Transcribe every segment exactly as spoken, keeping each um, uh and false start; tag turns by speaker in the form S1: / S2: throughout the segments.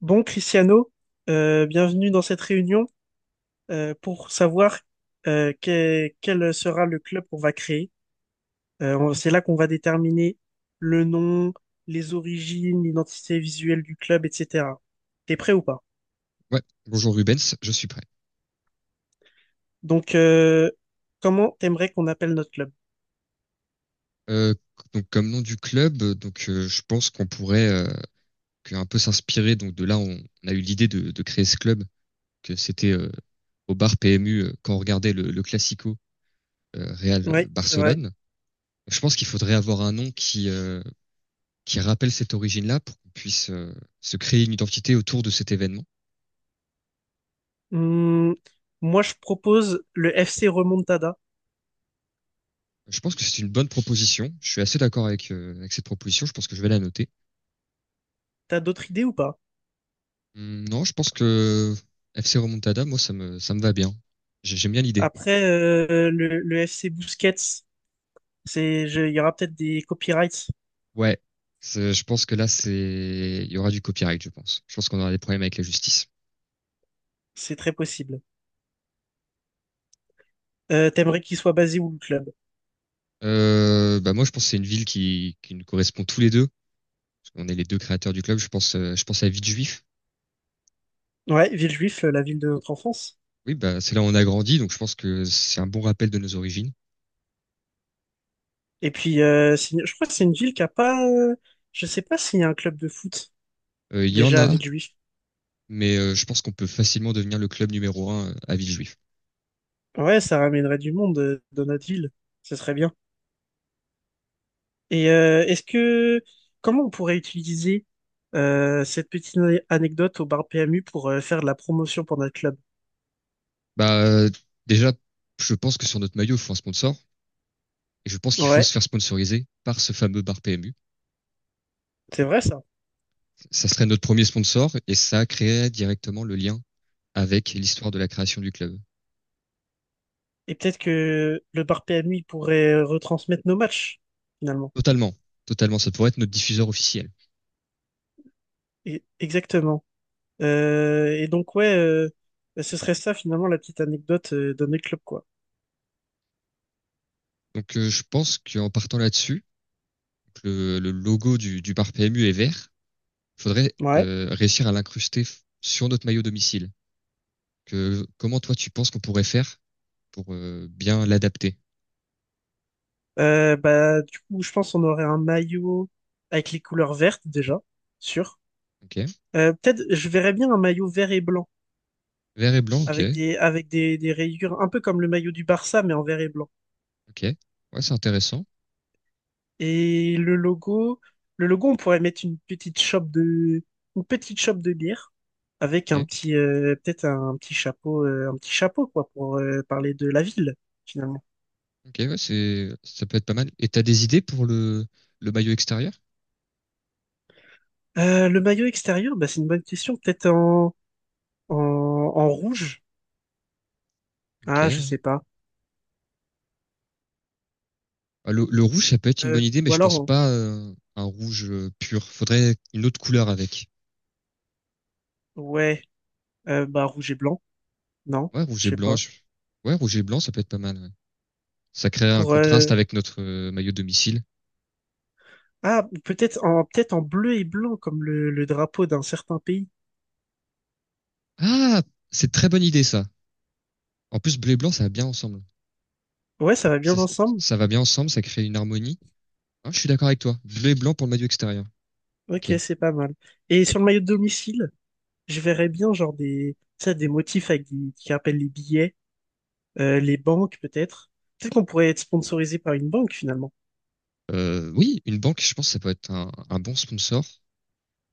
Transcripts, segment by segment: S1: Bon, Cristiano, euh, bienvenue dans cette réunion euh, pour savoir euh, que- quel sera le club qu'on va créer. Euh, on- c'est là qu'on va déterminer le nom, les origines, l'identité visuelle du club, et cetera. T'es prêt ou pas?
S2: Ouais, bonjour Rubens, je suis prêt.
S1: Donc, euh, comment t'aimerais qu'on appelle notre club?
S2: Euh, donc comme nom du club, euh, donc euh, je pense qu'on pourrait euh, que un peu s'inspirer. Donc de là, on, on a eu l'idée de, de créer ce club, que c'était euh, au bar P M U euh, quand on regardait le, le Classico euh, Real euh,
S1: Oui, c'est vrai.
S2: Barcelone. Je pense qu'il faudrait avoir un nom qui euh, qui rappelle cette origine-là pour qu'on puisse euh, se créer une identité autour de cet événement.
S1: Hum, Moi, je propose le F C Remontada.
S2: Je pense que c'est une bonne proposition. Je suis assez d'accord avec euh, avec cette proposition. Je pense que je vais la noter.
S1: T'as d'autres idées ou pas?
S2: Hum, Non, je pense que F C Remontada, moi, ça me, ça me va bien. J'ai- J'aime bien l'idée.
S1: Après, euh, le, le F C Busquets, c'est, je- il y aura peut-être des copyrights.
S2: Ouais. C'est- Je pense que là, c'est, il y aura du copyright, je pense. Je pense qu'on aura des problèmes avec la justice.
S1: C'est très possible. Euh, t'aimerais qu'il soit basé où le club?
S2: Euh, bah, moi, je pense que c'est une ville qui, qui nous correspond tous les deux. On est les deux créateurs du club. Je pense, euh, je pense à Villejuif.
S1: Ouais, Villejuif, euh, la ville de notre enfance.
S2: Oui, bah, c'est là où on a grandi, donc je pense que c'est un bon rappel de nos origines.
S1: Et puis, euh, c'est- je crois que c'est une ville qui a pas. Euh, je sais pas s'il y a un club de foot
S2: Euh, Il y en
S1: déjà à
S2: a,
S1: Villejuif.
S2: mais euh, je pense qu'on peut facilement devenir le club numéro un euh, à Villejuif.
S1: Ouais, ça ramènerait du monde euh, dans notre ville. Ce serait bien. Et euh, est-ce que comment on pourrait utiliser euh, cette petite ane- anecdote au bar P M U pour euh, faire de la promotion pour notre club?
S2: Bah, euh, déjà, je pense que sur notre maillot, il faut un sponsor. Et je pense qu'il faut se
S1: Ouais,
S2: faire sponsoriser par ce fameux bar P M U.
S1: c'est vrai ça.
S2: Ça serait notre premier sponsor et ça créerait directement le lien avec l'histoire de la création du club.
S1: Et peut-être que le bar P M U il pourrait euh, retransmettre nos matchs finalement.
S2: Totalement, totalement. Ça pourrait être notre diffuseur officiel.
S1: Et- exactement. Euh, et donc, ouais, euh, bah, ce serait ça finalement la petite anecdote euh, de mes clubs, quoi.
S2: Donc euh, je pense qu'en partant là-dessus, le, le, logo du, du bar P M U est vert. Il faudrait
S1: Ouais.
S2: euh, réussir à l'incruster sur notre maillot domicile. Que, comment toi tu penses qu'on pourrait faire pour euh, bien l'adapter.
S1: Euh, bah, du coup, je pense qu'on aurait un maillot avec les couleurs vertes déjà, sûr.
S2: Ok.
S1: Euh, peut-être, je verrais bien un maillot vert et blanc
S2: Vert et blanc, ok.
S1: avec des avec des, des rayures, un peu comme le maillot du Barça, mais en vert et blanc.
S2: Ok. Ouais, c'est intéressant.
S1: Et le logo, le logo, on pourrait mettre une petite chope de une petite chope de bière avec un
S2: Ok.
S1: petit euh, peut-être un petit chapeau euh, un petit chapeau quoi pour euh, parler de la ville finalement.
S2: Ok, ouais, c'est, ça peut être pas mal. Et t'as des idées pour le, le maillot extérieur?
S1: Euh, le maillot extérieur, bah, c'est une bonne question. Peut-être en, en, en rouge.
S2: Ok.
S1: Ah, je sais pas.
S2: Ah, le, le rouge, ça peut être une
S1: Euh,
S2: bonne idée, mais
S1: ou
S2: je
S1: alors,
S2: pense
S1: en-
S2: pas euh, un rouge euh, pur. Faudrait une autre couleur avec.
S1: ouais, euh, bah, rouge et blanc. Non,
S2: Ouais, rouge
S1: je
S2: et
S1: sais
S2: blanc.
S1: pas.
S2: je- Ouais, rouge et blanc, ça peut être pas mal, ouais. Ça crée un
S1: Pour,
S2: contraste
S1: euh,
S2: avec notre euh, maillot de domicile.
S1: ah, peut-être en, peut-être en bleu et blanc, comme le, le drapeau d'un certain pays.
S2: Ah, c'est très bonne idée ça. En plus, bleu et blanc, ça va bien ensemble.
S1: Ouais, ça va bien
S2: C'est-
S1: ensemble.
S2: Ça va bien ensemble, ça crée une harmonie. Ah, je suis d'accord avec toi. Bleu et blanc pour le maillot extérieur. Ok.
S1: Ok, c'est pas mal. Et sur le maillot de domicile, je verrais bien, genre, des, tu sais, des motifs avec des- qui rappellent les billets, euh, les banques, peut-être. Peut-être qu'on pourrait être sponsorisé par une banque, finalement.
S2: Euh, oui, une banque, je pense, que ça peut être un, un bon sponsor.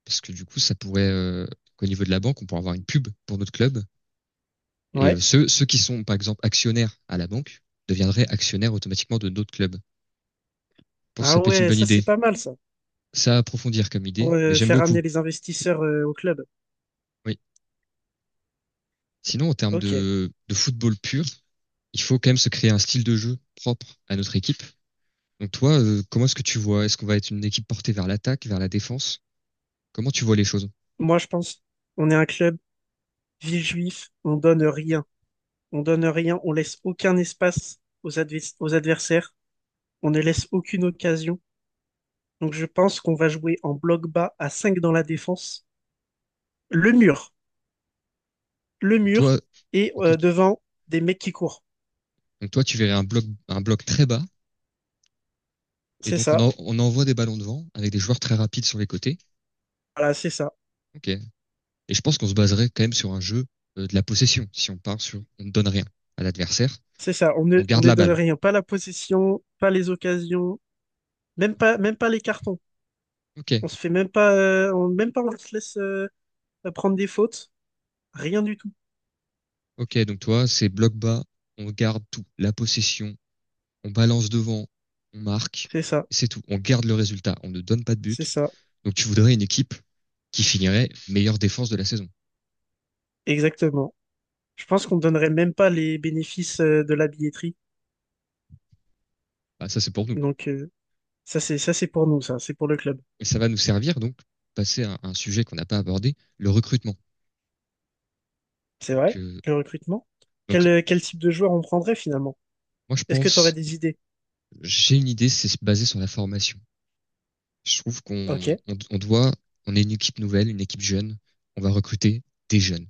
S2: Parce que du coup, ça pourrait, euh, au niveau de la banque, on pourrait avoir une pub pour notre club. Et euh,
S1: Ouais.
S2: ceux, ceux qui sont, par exemple, actionnaires à la banque deviendraient actionnaires automatiquement de notre club. Je pense que
S1: Ah
S2: ça peut être une
S1: ouais,
S2: bonne
S1: ça, c'est
S2: idée.
S1: pas mal, ça.
S2: Ça à approfondir comme idée,
S1: Pour
S2: mais
S1: euh,
S2: j'aime
S1: faire
S2: beaucoup.
S1: amener les investisseurs euh, au club.
S2: Oui. Sinon, en termes
S1: Ok.
S2: de, de football pur, il faut quand même se créer un style de jeu propre à notre équipe. Donc toi, euh, comment est-ce que tu vois? Est-ce qu'on va être une équipe portée vers l'attaque, vers la défense? Comment tu vois les choses?
S1: Moi, je pense, on est un club ville juif, on donne rien. On donne rien, on laisse aucun espace aux, advers- aux adversaires, on ne laisse aucune occasion. Donc, je pense qu'on va jouer en bloc bas à cinq dans la défense. Le mur, le
S2: donc
S1: mur,
S2: toi,
S1: et euh, devant des mecs qui courent.
S2: donc toi, tu verrais un bloc, un bloc très bas, et
S1: C'est
S2: donc on,
S1: ça.
S2: en- on envoie des ballons devant avec des joueurs très rapides sur les côtés.
S1: Voilà, c'est ça.
S2: OK. Et je pense qu'on se baserait quand même sur un jeu euh, de la possession. Si on part sur on ne donne rien à l'adversaire,
S1: C'est ça. On ne,
S2: on
S1: on
S2: garde
S1: ne
S2: la
S1: donne
S2: balle.
S1: rien. Pas la possession, pas les occasions, même pas, même pas les cartons.
S2: OK.
S1: On se fait même pas, euh, on, même pas, on se laisse euh, à prendre des fautes, rien du tout.
S2: OK, donc toi, c'est bloc bas, on garde tout, la possession, on balance devant, on marque,
S1: C'est ça,
S2: c'est tout. On garde le résultat, on ne donne pas de
S1: c'est
S2: but.
S1: ça,
S2: Donc tu voudrais une équipe qui finirait meilleure défense de la saison.
S1: exactement. Je pense qu'on ne donnerait même pas les bénéfices euh, de la billetterie.
S2: Bah, ça, c'est pour nous.
S1: Donc euh, ça c'est ça c'est pour nous, ça, c'est pour le club.
S2: Et ça va nous servir donc passer à un sujet qu'on n'a pas abordé, le recrutement.
S1: C'est
S2: Donc,
S1: vrai,
S2: euh,
S1: le recrutement.
S2: donc
S1: Quel, euh, quel type de joueur on prendrait finalement?
S2: moi, je
S1: Est-ce que tu aurais
S2: pense,
S1: des idées?
S2: j'ai une idée, c'est se baser sur la formation. Je trouve
S1: Ok.
S2: qu'on on, on doit, on est une équipe nouvelle, une équipe jeune. On va recruter des jeunes,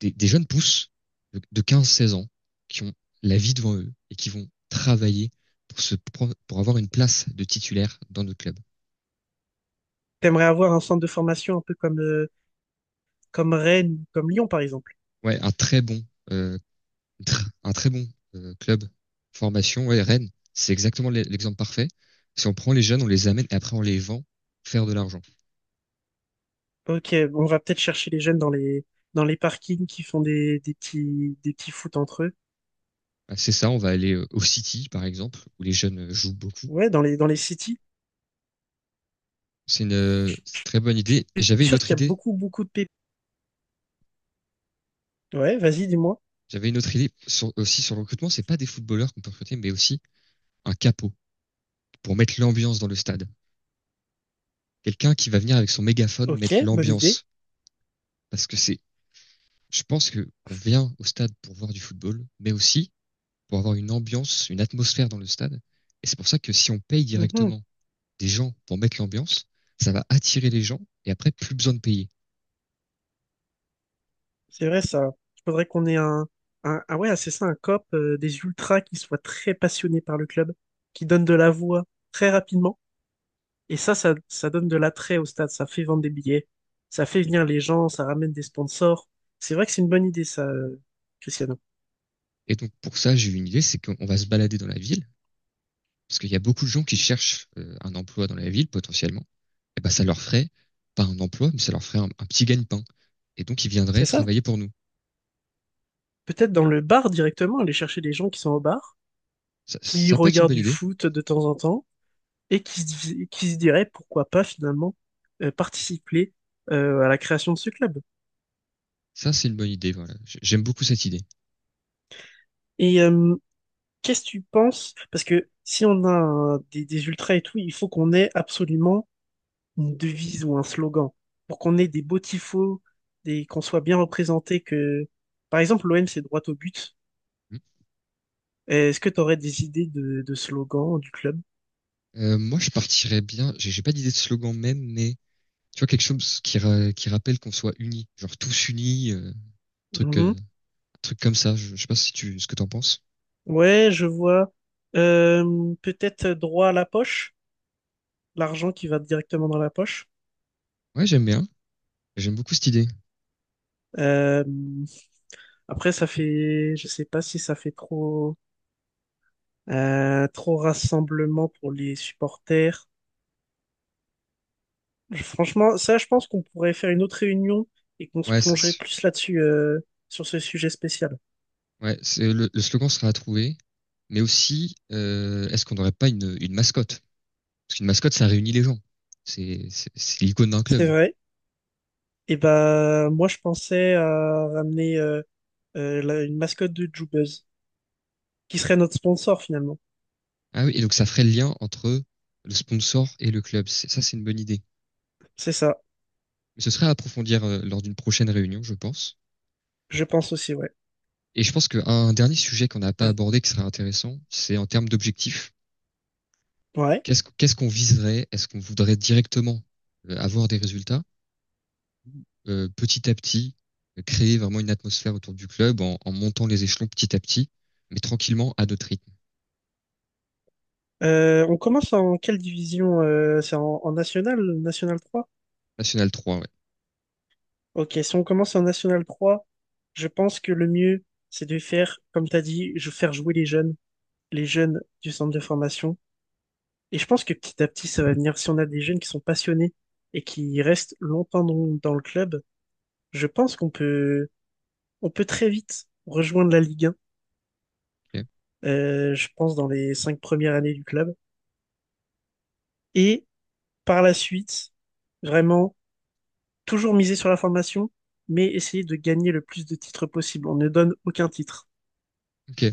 S2: des, des jeunes pousses de, de quinze seize ans qui ont la vie devant eux et qui vont travailler pour se pour avoir une place de titulaire dans notre club.
S1: T'aimerais avoir un centre de formation un peu comme, euh, comme Rennes, ou comme Lyon par exemple.
S2: Ouais, un très bon, euh, un très bon euh, club formation. Ouais, Rennes, c'est exactement l'exemple parfait. Si on prend les jeunes, on les amène et après on les vend pour faire de l'argent.
S1: Ok, on va peut-être chercher les jeunes dans les dans les parkings qui font des, des petits des petits foot entre eux.
S2: Ah, c'est ça, on va aller euh, au City par exemple où les jeunes euh, jouent beaucoup.
S1: Ouais, dans les dans les cities.
S2: C'est une, euh, c'est une très bonne idée.
S1: Je
S2: Et j'avais
S1: suis
S2: une
S1: sûr
S2: autre
S1: qu'il y a
S2: idée.
S1: beaucoup beaucoup de pépites. Ouais, vas-y, dis-moi.
S2: J'avais une autre idée sur, aussi sur le recrutement. C'est pas des footballeurs qu'on peut recruter, mais aussi un capot pour mettre l'ambiance dans le stade. Quelqu'un qui va venir avec son mégaphone
S1: Ok,
S2: mettre
S1: bonne idée.
S2: l'ambiance. Parce que c'est, je pense que on vient au stade pour voir du football, mais aussi pour avoir une ambiance, une atmosphère dans le stade. Et c'est pour ça que si on paye
S1: Mhm.
S2: directement des gens pour mettre l'ambiance, ça va attirer les gens et après plus besoin de payer.
S1: C'est vrai ça. Il faudrait qu'on ait un, un- Ah ouais, c'est ça, un cop, euh, des ultras qui soient très passionnés par le club, qui donnent de la voix très rapidement. Et ça, ça, ça donne de l'attrait au stade, ça fait vendre des billets, ça fait venir les gens, ça ramène des sponsors. C'est vrai que c'est une bonne idée ça, euh, Cristiano.
S2: Et donc pour ça, j'ai eu une idée, c'est qu'on va se balader dans la ville. Parce qu'il y a beaucoup de gens qui cherchent euh, un emploi dans la ville, potentiellement. Et ben, ça leur ferait, pas un emploi, mais ça leur ferait un, un petit gagne-pain. Et donc, ils viendraient
S1: C'est ça.
S2: travailler pour nous.
S1: Peut-être dans le bar directement, aller chercher des gens qui sont au bar,
S2: Ça,
S1: qui
S2: ça peut être une
S1: regardent
S2: bonne
S1: du
S2: idée.
S1: foot de temps en temps, et qui se, qui se dirait pourquoi pas finalement euh, participer euh, à la création de ce club.
S2: Ça, c'est une bonne idée, voilà. J- J'aime beaucoup cette idée.
S1: Et euh, qu'est-ce que tu penses? Parce que si on a euh, des, des ultras et tout, il faut qu'on ait absolument une devise ou un slogan pour qu'on ait des beaux tifos, des, qu'on soit bien représenté, que par exemple l'O M c'est droit au but.
S2: Hum.
S1: Est-ce que tu aurais des idées de, de slogans du club?
S2: Euh, moi, je partirais bien, j'ai j'ai pas d'idée de slogan même, mais tu vois, quelque chose qui, ra- qui rappelle qu'on soit unis. Genre tous unis, euh, truc,
S1: Mhm.
S2: euh, truc comme ça. Je, je sais pas si tu, ce que t'en penses.
S1: Ouais, je vois. Euh, peut-être droit à la poche, l'argent qui va directement dans la poche.
S2: Ouais, j'aime bien. J'aime beaucoup cette idée.
S1: Euh, après, ça fait, je sais pas si ça fait trop, euh, trop rassemblement pour les supporters. Franchement, ça, je pense qu'on pourrait faire une autre réunion et qu'on se
S2: Ouais, ça.
S1: plongerait plus là-dessus, euh, sur ce sujet spécial.
S2: Ouais, c'est le, le slogan sera à trouver, mais aussi, euh, est-ce qu'on n'aurait pas une, une mascotte? Parce qu'une mascotte, ça réunit les gens. C'est c'est- c'est l'icône d'un club.
S1: C'est vrai. Et ben, moi, je pensais à ramener euh, euh, la- une mascotte de Jubuzz, qui serait notre sponsor finalement.
S2: Ah oui, et donc ça ferait le lien entre le sponsor et le club. C'est- Ça, c'est une bonne idée.
S1: C'est ça.
S2: Mais ce serait à approfondir euh, lors d'une prochaine réunion, je pense.
S1: Je pense aussi, ouais.
S2: Et je pense qu'un dernier sujet qu'on n'a pas abordé qui serait intéressant, c'est en termes d'objectifs.
S1: Ouais.
S2: Qu'est-ce qu'est-ce qu'on viserait? Est-ce qu'on voudrait directement euh, avoir des résultats? Euh, petit à petit, euh, créer vraiment une atmosphère autour du club en, en montant les échelons petit à petit, mais tranquillement à notre rythme.
S1: Euh, on commence en quelle division? euh, c'est en, en national, national trois.
S2: National trois, ouais.
S1: Ok, si on commence en National trois, je pense que le mieux, c'est de faire, comme tu as dit, je faire jouer les jeunes, les jeunes du centre de formation. Et je pense que petit à petit, ça va venir. Si on a des jeunes qui sont passionnés et qui restent longtemps dans, dans le club, je pense qu'on peut, on peut très vite rejoindre la Ligue un,
S2: Ok.
S1: euh, je pense dans les cinq premières années du club. Et par la suite, vraiment, toujours miser sur la formation, mais essayer de gagner le plus de titres possible. On ne donne aucun titre.
S2: Ok.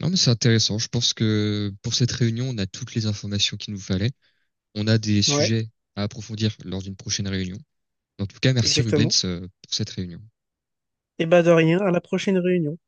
S2: Non, mais c'est intéressant. Je pense que pour cette réunion, on a toutes les informations qu'il nous fallait. On a des
S1: Ouais,
S2: sujets à approfondir lors d'une prochaine réunion. En tout cas, merci
S1: exactement.
S2: Rubens euh, pour cette réunion.
S1: Et bah de rien, à la prochaine réunion.